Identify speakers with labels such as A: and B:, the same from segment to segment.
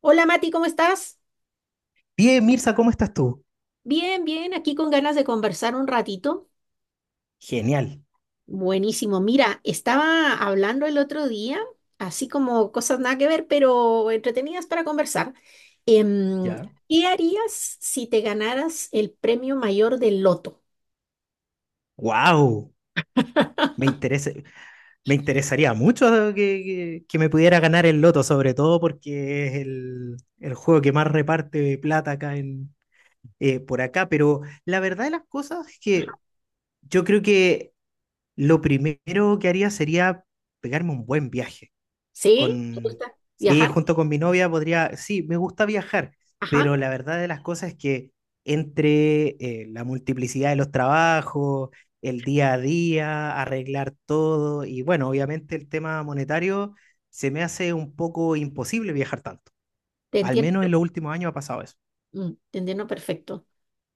A: Hola Mati, ¿cómo estás?
B: Bien, Mirza, ¿cómo estás tú?
A: Bien, bien, aquí con ganas de conversar un ratito.
B: Genial.
A: Buenísimo. Mira, estaba hablando el otro día, así como cosas nada que ver, pero entretenidas para conversar. Em,
B: ¿Ya?
A: ¿Qué harías si te ganaras el premio mayor del loto?
B: ¡Wow! Me interesa, me interesaría mucho que, que me pudiera ganar el loto, sobre todo porque es el juego que más reparte plata acá por acá. Pero la verdad de las cosas es que yo creo que lo primero que haría sería pegarme un buen viaje.
A: ¿Sí? ¿Te
B: Con,
A: gusta
B: sí,
A: viajar?
B: junto con mi novia podría, sí, me gusta viajar,
A: Ajá,
B: pero la verdad de las cosas es que entre la multiplicidad de los trabajos, el día a día, arreglar todo, y bueno, obviamente el tema monetario, se me hace un poco imposible viajar tanto.
A: te
B: Al
A: entiendo.
B: menos en los últimos años ha pasado eso.
A: Mm, te entiendo perfecto.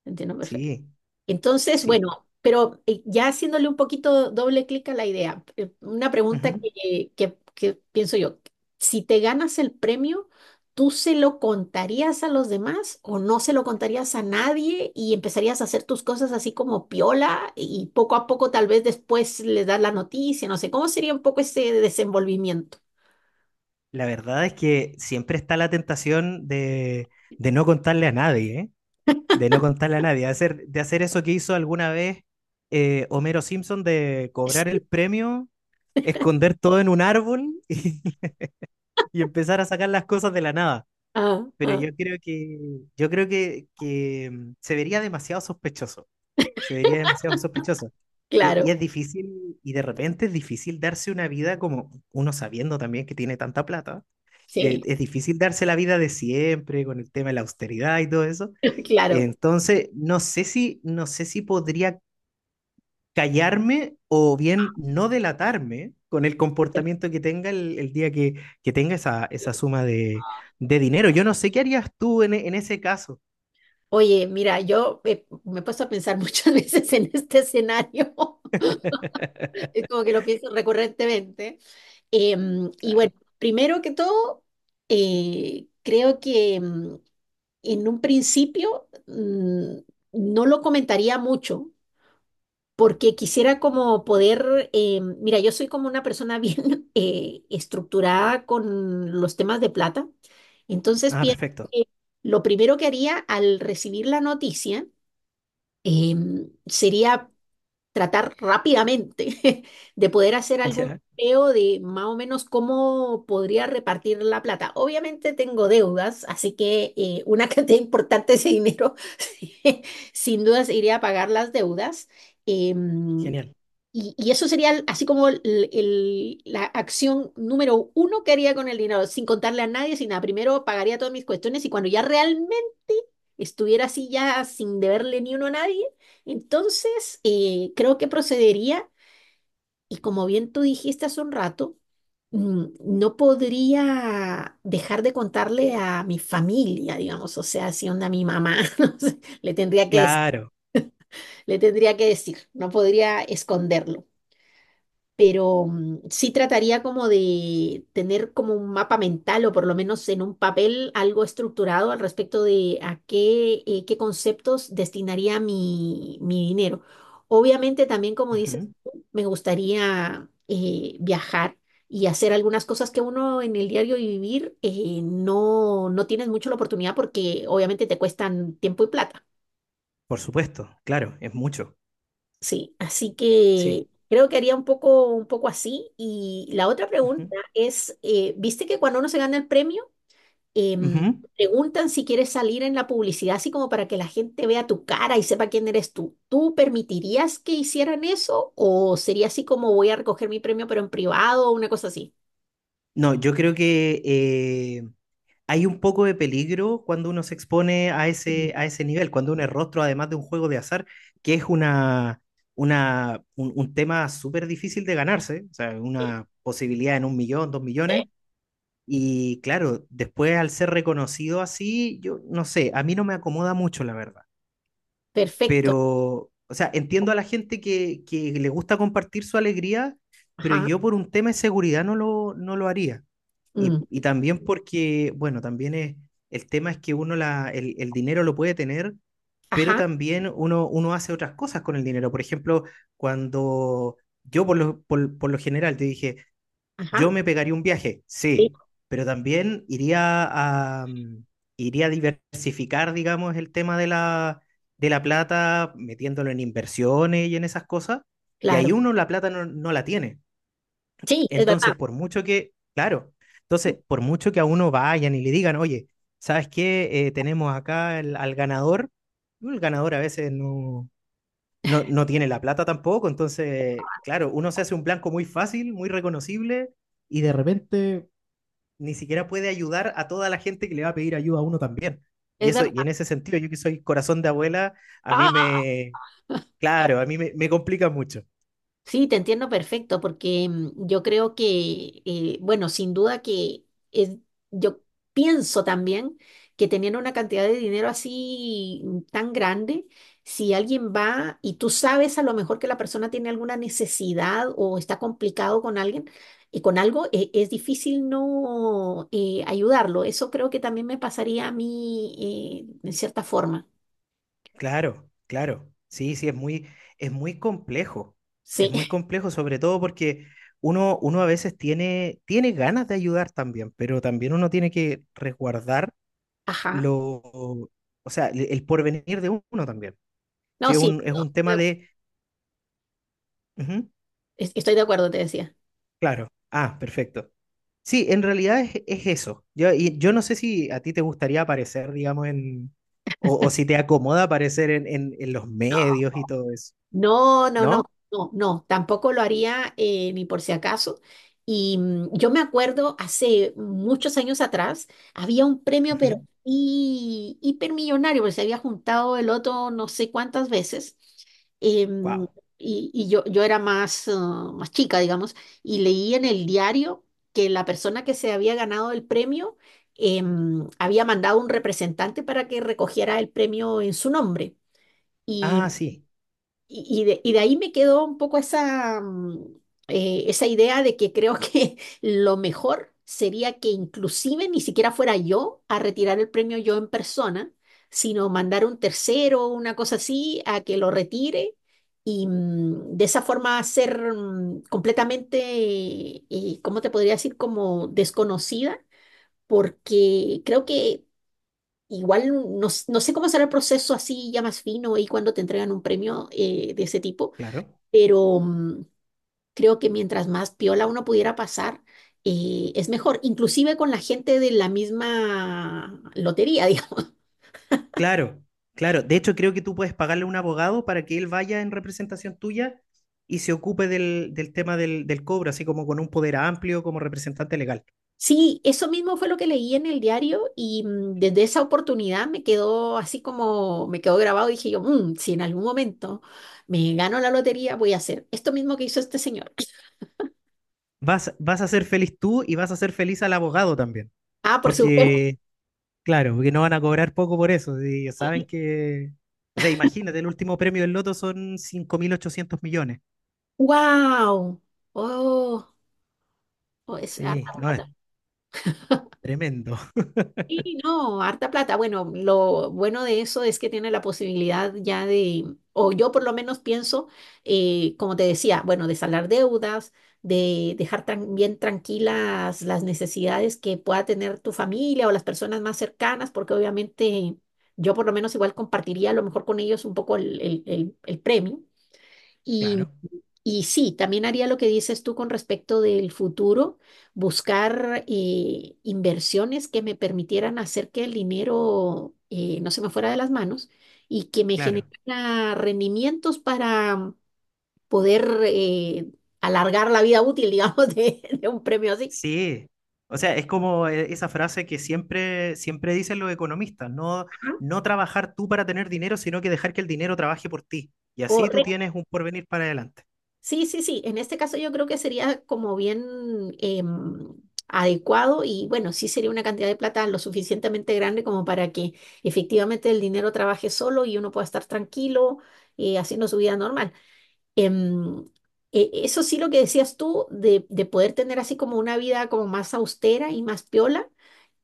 A: Te entiendo perfecto.
B: Sí,
A: Entonces,
B: sí.
A: bueno, pero ya haciéndole un poquito doble clic a la idea, una pregunta
B: Ujú.
A: que pienso yo, si te ganas el premio, ¿tú se lo contarías a los demás o no se lo contarías a nadie y empezarías a hacer tus cosas así como piola y poco a poco tal vez después le das la noticia, no sé, ¿cómo sería un poco ese desenvolvimiento?
B: La verdad es que siempre está la tentación de no contarle a nadie, ¿eh? De no contarle a nadie, de hacer eso que hizo alguna vez Homero Simpson, de cobrar
A: Sí.
B: el premio, esconder todo en un árbol y empezar a sacar las cosas de la nada.
A: Ah,
B: Pero
A: ah,
B: yo creo que se vería demasiado sospechoso. Se vería demasiado sospechoso. Y
A: claro,
B: es difícil, y de repente es difícil darse una vida como uno sabiendo también que tiene tanta plata,
A: sí,
B: es difícil darse la vida de siempre con el tema de la austeridad y todo eso.
A: claro.
B: Entonces, no sé si podría callarme o bien no delatarme con el comportamiento que tenga el día que tenga esa suma de dinero. Yo no sé qué harías tú en ese caso.
A: Oye, mira, yo me he puesto a pensar muchas veces en este escenario, es como que lo pienso recurrentemente. Y bueno,
B: Claro.
A: primero que todo, creo que en un principio no lo comentaría mucho, porque quisiera como poder, mira, yo soy como una persona bien estructurada con los temas de plata, entonces
B: Ah,
A: pienso
B: perfecto.
A: que lo primero que haría al recibir la noticia, sería tratar rápidamente de poder hacer algún
B: Ya,
A: peo de más o menos cómo podría repartir la plata. Obviamente tengo deudas, así que una cantidad importante de ese dinero sin dudas iría a pagar las deudas. em,
B: genial.
A: y eso sería el- así como el- la acción número uno que haría con el dinero, sin contarle a nadie, sin nada. Primero pagaría todas mis cuestiones y cuando ya realmente estuviera así ya sin deberle ni uno a nadie, entonces, creo que procedería, y como bien tú dijiste hace un rato, no podría dejar de contarle a mi familia, digamos, o sea, si onda mi mamá, no sé,
B: Claro.
A: le tendría que decir, no podría esconderlo. Pero sí trataría como de tener como un mapa mental o por lo menos en un papel algo estructurado al respecto de a qué, qué conceptos destinaría mi dinero. Obviamente también, como dices,
B: Ujú.
A: tú, me gustaría viajar y hacer algunas cosas que uno en el diario vivir no tienes mucho la oportunidad porque obviamente te cuestan tiempo y plata.
B: Por supuesto, claro, es mucho.
A: Sí, así
B: Sí.
A: que creo que haría un poco así. Y la otra
B: Ujú.
A: pregunta es, ¿viste que cuando uno se gana el premio, em,
B: Ujú.
A: preguntan si quieres salir en la publicidad, así como para que la gente vea tu cara y sepa quién eres tú? ¿Tú permitirías que hicieran eso o sería así como voy a recoger mi premio pero en privado o una cosa así?
B: No, yo creo que hay un poco de peligro cuando uno se expone a
A: Mm.
B: ese nivel, cuando uno es rostro, además de un juego de azar, que es un tema súper difícil de ganarse, o sea, una posibilidad en 1 millón, 2 millones. Y claro, después al ser reconocido así, yo no sé, a mí no me acomoda mucho, la verdad,
A: Perfecto.
B: pero, o sea, entiendo a la gente que le gusta compartir su alegría, pero
A: Ajá.
B: yo por un tema de seguridad no lo haría. Y,
A: mm,
B: y también porque, bueno, también es, el tema es que uno el dinero lo puede tener, pero
A: Ajá.
B: también uno hace otras cosas con el dinero. Por ejemplo, cuando yo por lo general te dije, yo
A: Ajá.
B: me pegaría un viaje,
A: Sí,
B: sí, pero también a, mm, iría a diversificar, digamos, el tema de la plata, metiéndolo en inversiones y en esas cosas. Y ahí
A: claro.
B: uno la plata no la tiene.
A: Sí, es
B: Entonces,
A: verdad.
B: por mucho que a uno vayan y le digan, oye, ¿sabes qué? Tenemos acá al ganador. El ganador a veces no tiene la plata tampoco. Entonces, claro, uno se hace un blanco muy fácil, muy reconocible, y de repente ni siquiera puede ayudar a toda la gente que le va a pedir ayuda a uno también. Y
A: Es
B: eso,
A: verdad.
B: y en ese sentido, yo que soy corazón de abuela, a mí me, claro, a mí me complica mucho.
A: Sí, te entiendo perfecto, porque yo creo que, bueno, sin duda que es- yo pienso también que teniendo una cantidad de dinero así tan grande, si alguien va y tú sabes a lo mejor que la persona tiene alguna necesidad o está complicado con alguien y con algo, es difícil no ayudarlo. Eso creo que también me pasaría a mí en cierta forma.
B: Claro, claro. Sí, sí, es muy complejo.
A: Sí,
B: Es muy complejo, sobre todo porque uno a veces tiene ganas de ayudar también, pero también uno tiene que resguardar
A: ajá.
B: lo, o sea, el porvenir de uno también. Sí,
A: No, sí,
B: es un
A: estoy
B: tema
A: de
B: de, ujú,
A: estoy de acuerdo, te decía.
B: claro, ah, perfecto. Sí, en realidad es eso. Y yo no sé si a ti te gustaría aparecer, digamos, o, si te acomoda aparecer en los medios y todo eso,
A: No, no, no,
B: ¿no?
A: no, no, tampoco lo haría ni por si acaso. Y yo me acuerdo hace muchos años atrás, había un premio, pero hipermillonario, porque se había juntado el otro no sé cuántas veces. em,
B: Wow.
A: yo era más chica, digamos, y leí en el diario que la persona que se había ganado el premio había mandado un representante para que recogiera el premio en su nombre.
B: Ah,
A: y
B: sí,
A: y de ahí me quedó un poco esa idea de que creo que lo mejor sería que inclusive ni siquiera fuera yo a retirar el premio yo en persona, sino mandar un tercero o una cosa así a que lo retire y de esa forma ser completamente, ¿cómo te podría decir? Como desconocida, porque creo que. Igual no, no sé cómo será el proceso así ya más fino y cuando te entregan un premio de ese tipo,
B: claro.
A: pero creo que mientras más piola uno pudiera pasar, es mejor, inclusive con la gente de la misma lotería, digamos.
B: Claro, claro. De hecho, creo que tú puedes pagarle a un abogado para que él vaya en representación tuya y se ocupe del tema del cobro, así como con un poder amplio como representante legal.
A: Sí, eso mismo fue lo que leí en el diario y desde esa oportunidad me quedó así como me quedó grabado. Dije yo, "Mm, si en algún momento me gano la lotería, voy a hacer esto mismo que hizo este señor."
B: Vas, vas a ser feliz tú y vas a ser feliz al abogado también,
A: Ah, por supuesto.
B: porque claro, porque no van a cobrar poco por eso. Si ellos saben que. O sea, imagínate, el último premio del Loto son 5.800 millones.
A: ¡Wow! Oh, oh, es harta
B: Sí, no, es
A: plata.
B: tremendo.
A: Sí, no, harta plata. Bueno, lo bueno de eso es que tiene la posibilidad ya de, o yo por lo menos pienso, como te decía, bueno, de saldar deudas, de bien tranquilas las necesidades que pueda tener tu familia o las personas más cercanas, porque obviamente yo por lo menos igual compartiría a lo mejor con ellos un poco el premio. Y,
B: Claro,
A: y sí, también haría lo que dices tú con respecto del futuro, buscar inversiones que me permitieran hacer que el dinero no se me fuera de las manos y que me
B: claro.
A: generara rendimientos para poder alargar la vida útil, digamos, de un premio así.
B: Sí. O sea, es como esa frase que siempre, siempre dicen los economistas: no,
A: Ajá.
B: no trabajar tú para tener dinero, sino que dejar que el dinero trabaje por ti. Y así tú
A: Correcto.
B: tienes un porvenir para adelante.
A: Sí, sí, sí. En este caso yo creo que sería como bien adecuado y bueno, sí sería una cantidad de plata lo suficientemente grande como para que efectivamente el dinero trabaje solo y uno pueda estar tranquilo haciendo su vida normal. Em, eso sí lo que decías tú de poder tener así como una vida como más austera y más piola.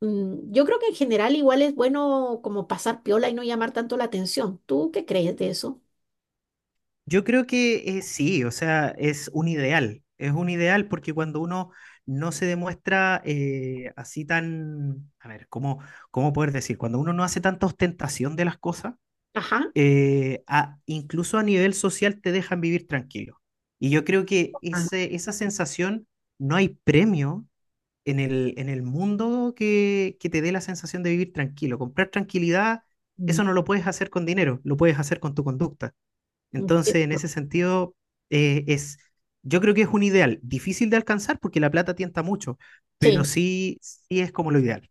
A: Yo creo que en general igual es bueno como pasar piola y no llamar tanto la atención. ¿Tú qué crees de eso?
B: Yo creo que sí, o sea, es un ideal porque cuando uno no se demuestra así tan, a ver, ¿cómo poder decir? Cuando uno no hace tanta ostentación de las cosas,
A: Ajá.
B: incluso a nivel social te dejan vivir tranquilo. Y yo creo que
A: Ah,
B: esa sensación, no hay premio en el mundo que te dé la sensación de vivir tranquilo. Comprar tranquilidad, eso
A: mm.
B: no lo puedes hacer con dinero, lo puedes hacer con tu conducta.
A: Mm,
B: Entonces, en ese sentido, es, yo creo que es un ideal difícil de alcanzar porque la plata tienta mucho,
A: sí,
B: pero sí, sí es como lo ideal.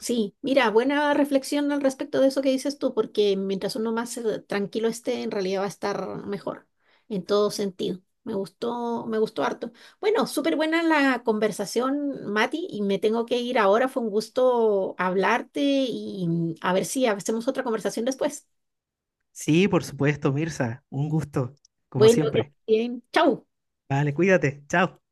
A: sí, mira, buena reflexión al respecto de eso que dices tú, porque mientras uno más tranquilo esté, en realidad va a estar mejor en todo sentido. Me gustó harto. Bueno, súper buena la conversación, Mati, y me tengo que ir ahora. Fue un gusto hablarte y a ver si hacemos otra conversación después.
B: Sí, por supuesto, Mirza, un gusto, como
A: Bueno, que estés
B: siempre.
A: bien. Chau.
B: Vale, cuídate, chao.